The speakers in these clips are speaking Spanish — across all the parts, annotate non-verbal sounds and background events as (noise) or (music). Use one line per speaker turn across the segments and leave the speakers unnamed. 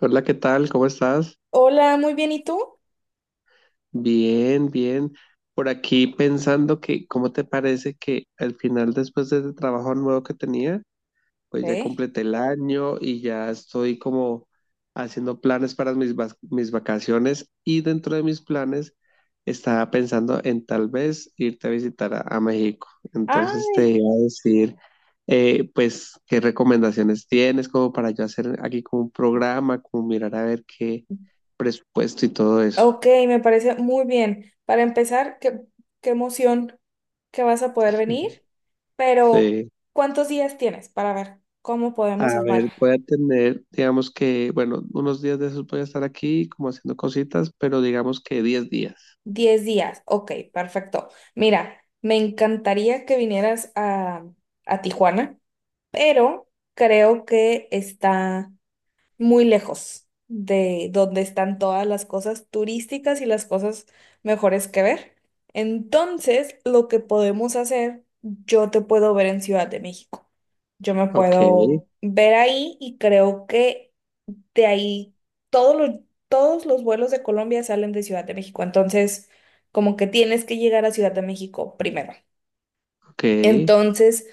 Hola, ¿qué tal? ¿Cómo estás?
Hola, muy bien, ¿y tú?
Bien, bien. Por aquí pensando que, ¿cómo te parece que al final, después de ese trabajo nuevo que tenía, pues ya
¿Sí?
completé el año y ya estoy como haciendo planes para mis vacaciones y dentro de mis planes estaba pensando en tal vez irte a visitar a México.
Ah,
Entonces te iba a decir, pues, qué recomendaciones tienes como para yo hacer aquí como un programa, como mirar a ver qué presupuesto y todo eso.
ok, me parece muy bien. Para empezar, qué emoción que vas a poder venir, pero
Sí.
¿cuántos días tienes para ver cómo podemos
A
armar?
ver, voy a tener, digamos que, bueno, unos días de esos voy a estar aquí como haciendo cositas, pero digamos que 10 días.
10 días, ok, perfecto. Mira, me encantaría que vinieras a Tijuana, pero creo que está muy lejos de donde están todas las cosas turísticas y las cosas mejores que ver. Entonces, lo que podemos hacer, yo te puedo ver en Ciudad de México. Yo me
Ok,
puedo ver ahí y creo que de ahí todos los, todos los vuelos de Colombia salen de Ciudad de México. Entonces, como que tienes que llegar a Ciudad de México primero.
ok,
Entonces,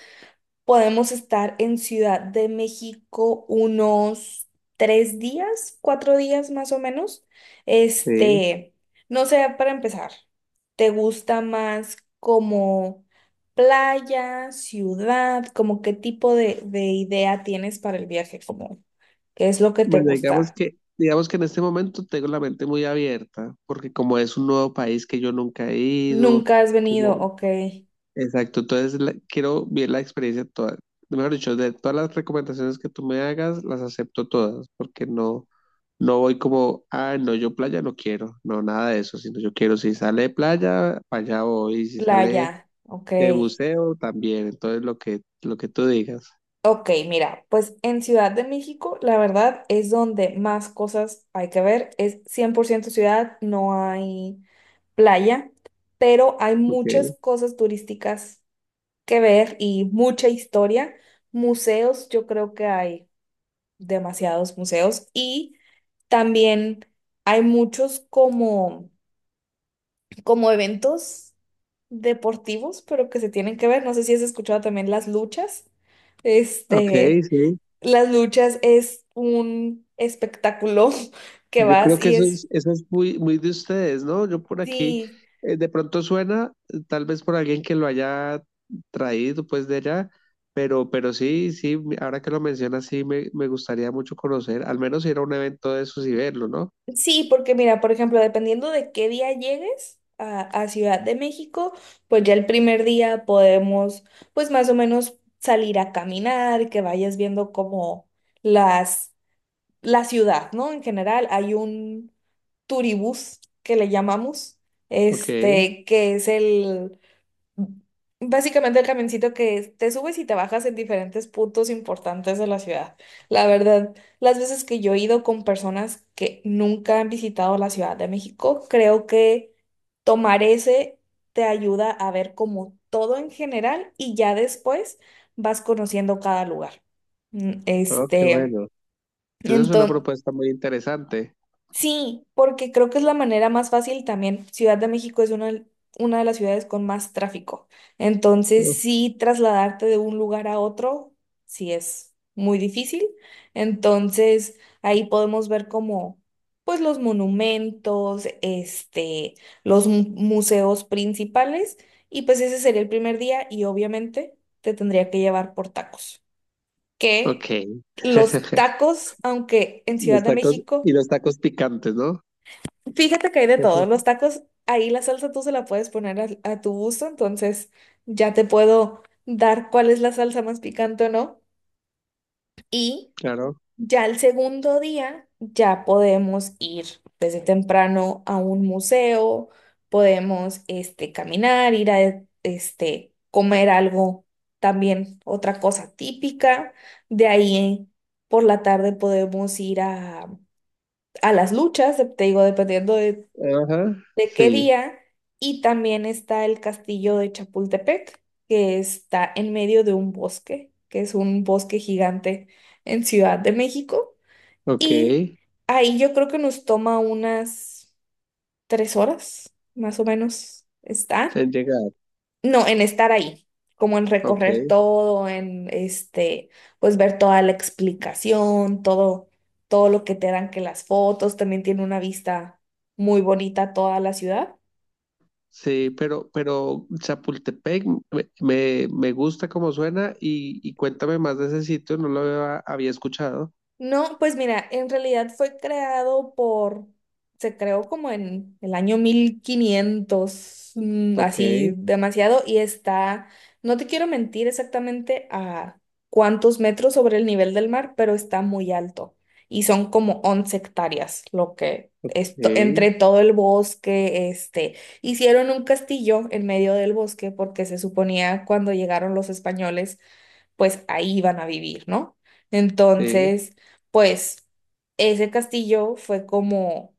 podemos estar en Ciudad de México unos 3 días, 4 días más o menos.
sí.
Este, no sé, para empezar, ¿te gusta más como playa, ciudad? Como qué tipo de idea tienes para el viaje? Como, ¿qué es lo que te
Bueno, digamos
gusta?
que, digamos que en este momento tengo la mente muy abierta, porque como es un nuevo país que yo nunca he ido,
Nunca has venido,
como,
ok,
exacto, entonces quiero ver la experiencia toda. Mejor dicho, de todas las recomendaciones que tú me hagas, las acepto todas, porque no, no voy como, ah, no, yo playa no quiero, no, nada de eso, sino yo quiero, si sale playa, para allá voy, y si
playa,
sale
ok.
museo, también, entonces lo que tú digas.
Ok, mira, pues en Ciudad de México, la verdad es donde más cosas hay que ver. Es 100% ciudad, no hay playa, pero hay muchas
Ok,
cosas turísticas que ver y mucha historia. Museos, yo creo que hay demasiados museos y también hay muchos como eventos deportivos, pero que se tienen que ver. No sé si has escuchado también las luchas.
ok,
Este.
sí.
Las luchas es un espectáculo (laughs) que
Yo creo
vas
que
y
eso
es,
es, eso es muy, muy de ustedes, ¿no? Yo por aquí,
sí,
de pronto suena, tal vez por alguien que lo haya traído pues de allá, pero sí, sí, ahora que lo mencionas, sí, me gustaría mucho conocer, al menos ir a un evento de esos y verlo, ¿no?
sí, porque mira, por ejemplo, dependiendo de qué día llegues a Ciudad de México, pues ya el primer día podemos, pues más o menos salir a caminar, que vayas viendo como las, la ciudad, ¿no? En general, hay un turibús que le llamamos,
Ok,
que es el básicamente el camioncito que te subes y te bajas en diferentes puntos importantes de la ciudad. La verdad, las veces que yo he ido con personas que nunca han visitado la Ciudad de México, creo que tomar ese te ayuda a ver como todo en general y ya después vas conociendo cada lugar. Mm,
oh, qué
Este,
bueno. Esa es una
entonces.
propuesta muy interesante.
Sí, porque creo que es la manera más fácil también. Ciudad de México es una de las ciudades con más tráfico.
Uh,
Entonces, sí, trasladarte de un lugar a otro, sí es muy difícil. Entonces, ahí podemos ver como, pues, los monumentos, los museos principales. Y pues ese sería el primer día y obviamente te tendría que llevar por tacos.
Ok.
Que los
(laughs)
tacos, aunque en Ciudad
Los
de
tacos
México
y los tacos picantes, ¿no?
fíjate que hay de todo. Los tacos, ahí la salsa tú se la puedes poner a, tu gusto, entonces ya te puedo dar cuál es la salsa más picante o no. Y
Claro.
ya el segundo día ya podemos ir desde temprano a un museo, podemos caminar, ir a comer algo también, otra cosa típica. De ahí por la tarde podemos ir a las luchas, te digo, dependiendo de
(laughs) Ajá,
de qué
sí.
día, y también está el castillo de Chapultepec, que está en medio de un bosque, que es un bosque gigante en Ciudad de México,
Ok.
y
En
ahí yo creo que nos toma unas 3 horas, más o menos, estar,
llegar.
no, en estar ahí, como en recorrer
Ok.
todo, pues ver toda la explicación, todo, todo lo que te dan que las fotos, también tiene una vista muy bonita toda la ciudad.
Sí, pero Chapultepec me gusta como suena y cuéntame más de ese sitio, no lo había escuchado.
No, pues mira, en realidad fue creado por, se creó como en el año 1500,
Ok,
así demasiado, y está, no te quiero mentir exactamente a cuántos metros sobre el nivel del mar, pero está muy alto. Y son como 11 hectáreas, lo que esto, entre
sí,
todo el bosque, hicieron un castillo en medio del bosque porque se suponía cuando llegaron los españoles, pues ahí iban a vivir, ¿no?
sí,
Entonces pues ese castillo fue como,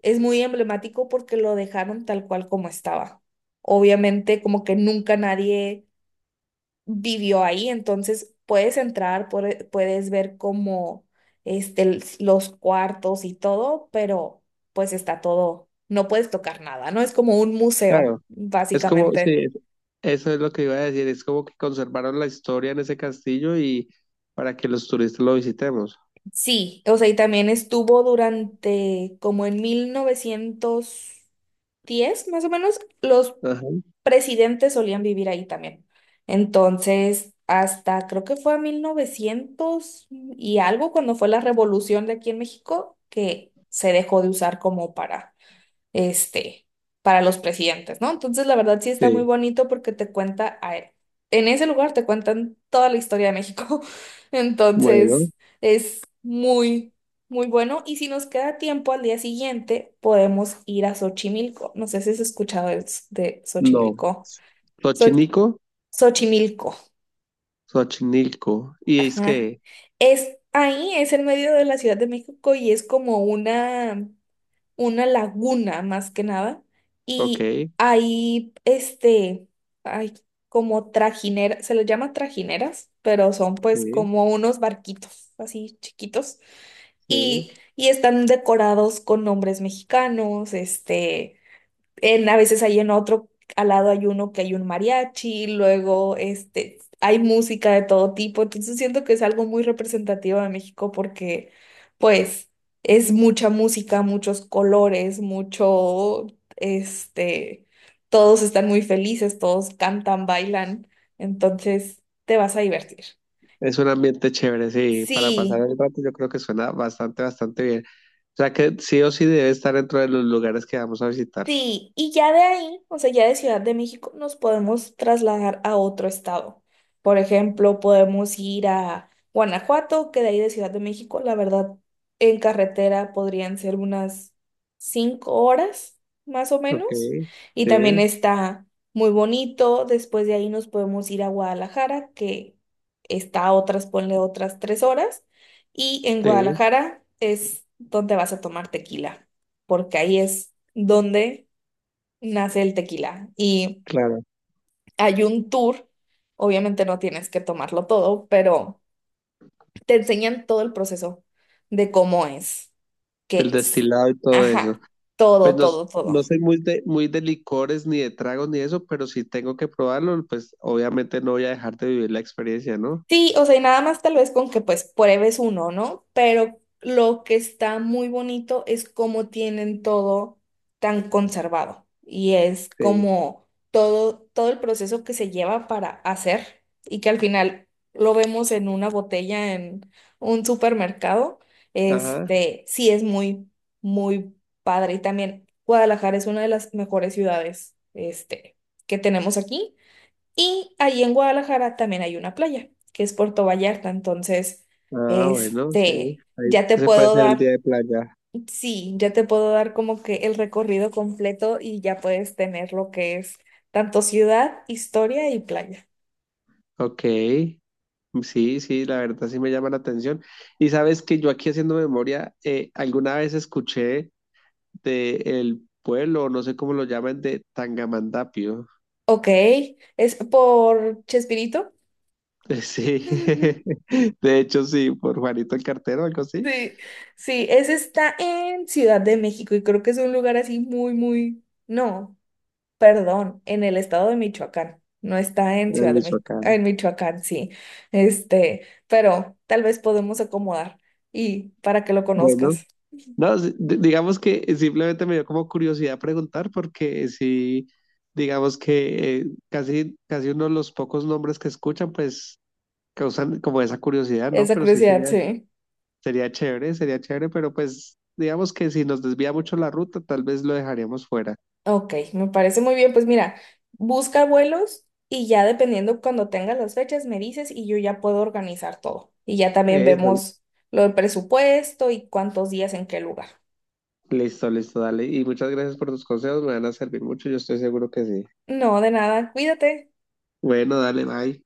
es muy emblemático porque lo dejaron tal cual como estaba. Obviamente como que nunca nadie vivió ahí, entonces puedes entrar, puedes ver como los cuartos y todo, pero pues está todo, no puedes tocar nada, ¿no? Es como un museo,
claro. Es como, sí,
básicamente.
eso es lo que iba a decir, es como que conservaron la historia en ese castillo y para que los turistas lo visitemos.
Sí, o sea, y también estuvo durante como en 1910 más o menos, los
Ajá,
presidentes solían vivir ahí también. Entonces, hasta creo que fue a 1900 y algo, cuando fue la revolución de aquí en México, que se dejó de usar como para, este, para los presidentes, ¿no? Entonces, la verdad sí está muy
sí,
bonito porque te cuenta, en ese lugar te cuentan toda la historia de México. (laughs)
bueno,
Entonces, es muy, muy bueno. Y si nos queda tiempo al día siguiente, podemos ir a Xochimilco. No sé si has escuchado de
no.
Xochimilco. So-
Xochimilco,
Xochimilco,
Xochimilco. Y es
ajá.
que,
Es ahí, es en medio de la Ciudad de México y es como una laguna más que nada.
ok,
Y ahí, hay como trajineras, se les llama trajineras, pero son pues
sí,
como unos barquitos así chiquitos.
sí.
Y están decorados con nombres mexicanos, A veces hay en otro, al lado hay uno que hay un mariachi, luego hay música de todo tipo, entonces siento que es algo muy representativo de México porque pues es mucha música, muchos colores, mucho, este, todos están muy felices, todos cantan, bailan, entonces te vas a divertir.
Es un ambiente chévere, sí, para pasar
Sí.
el rato yo creo que suena bastante, bastante bien. O sea que sí o sí debe estar dentro de los lugares que vamos a visitar.
Sí, y ya de ahí, o sea, ya de Ciudad de México nos podemos trasladar a otro estado. Por ejemplo, podemos ir a Guanajuato, que de ahí de Ciudad de México, la verdad, en carretera podrían ser unas 5 horas, más o
Ok,
menos. Y también
sí,
está muy bonito. Después de ahí nos podemos ir a Guadalajara, que está a otras, ponle otras 3 horas. Y en
sí,
Guadalajara es donde vas a tomar tequila, porque ahí es donde nace el tequila. Y
claro.
hay un tour, obviamente no tienes que tomarlo todo, pero te enseñan todo el proceso de cómo es,
El
qué es.
destilado y todo eso.
Ajá,
Pues
todo,
no,
todo, todo.
no soy muy de licores ni de tragos ni eso, pero si tengo que probarlo, pues obviamente no voy a dejar de vivir la experiencia, ¿no?
Sí, o sea, y nada más tal vez con que pues pruebes uno, ¿no? Pero lo que está muy bonito es cómo tienen todo tan conservado y es
Sí.
como todo, todo el proceso que se lleva para hacer y que al final lo vemos en una botella en un supermercado,
Ajá.
sí es muy, muy padre. Y también Guadalajara es una de las mejores ciudades, que tenemos aquí. Y ahí en Guadalajara también hay una playa, que es Puerto Vallarta. Entonces,
Ah, bueno, sí. Ahí,
ya te
ese puede
puedo
ser el día
dar,
de playa.
sí, ya te puedo dar como que el recorrido completo y ya puedes tener lo que es tanto ciudad, historia y playa.
Ok. Sí, sí, la verdad sí me llama la atención. Y sabes que yo aquí haciendo memoria, alguna vez escuché de el pueblo, no sé cómo lo llaman, de Tangamandapio.
Ok, es por Chespirito.
(laughs) Sí,
(laughs)
(laughs) de hecho sí, por Juanito el Cartero, algo así,
Sí, sí, ese está en Ciudad de México y creo que es un lugar así muy, muy, no. Perdón, en el estado de Michoacán. No está en
en
Ciudad de México,
Michoacán.
en Michoacán, sí. Pero tal vez podemos acomodar y para que lo
Bueno,
conozcas.
no, sí, digamos que simplemente me dio como curiosidad preguntar porque sí, digamos que casi, casi uno de los pocos nombres que escuchan, pues causan como esa curiosidad, ¿no?
Esa
Pero sí
curiosidad,
sería
sí.
Sería chévere, sería chévere, pero pues digamos que si nos desvía mucho la ruta, tal vez lo dejaríamos fuera.
Ok, me parece muy bien. Pues mira, busca vuelos y ya dependiendo cuando tengas las fechas me dices y yo ya puedo organizar todo. Y ya también
Eso,
vemos lo del presupuesto y cuántos días en qué lugar.
listo, listo, dale. Y muchas gracias por tus consejos, me van a servir mucho, yo estoy seguro que sí.
No, de nada, cuídate.
Bueno, dale, bye.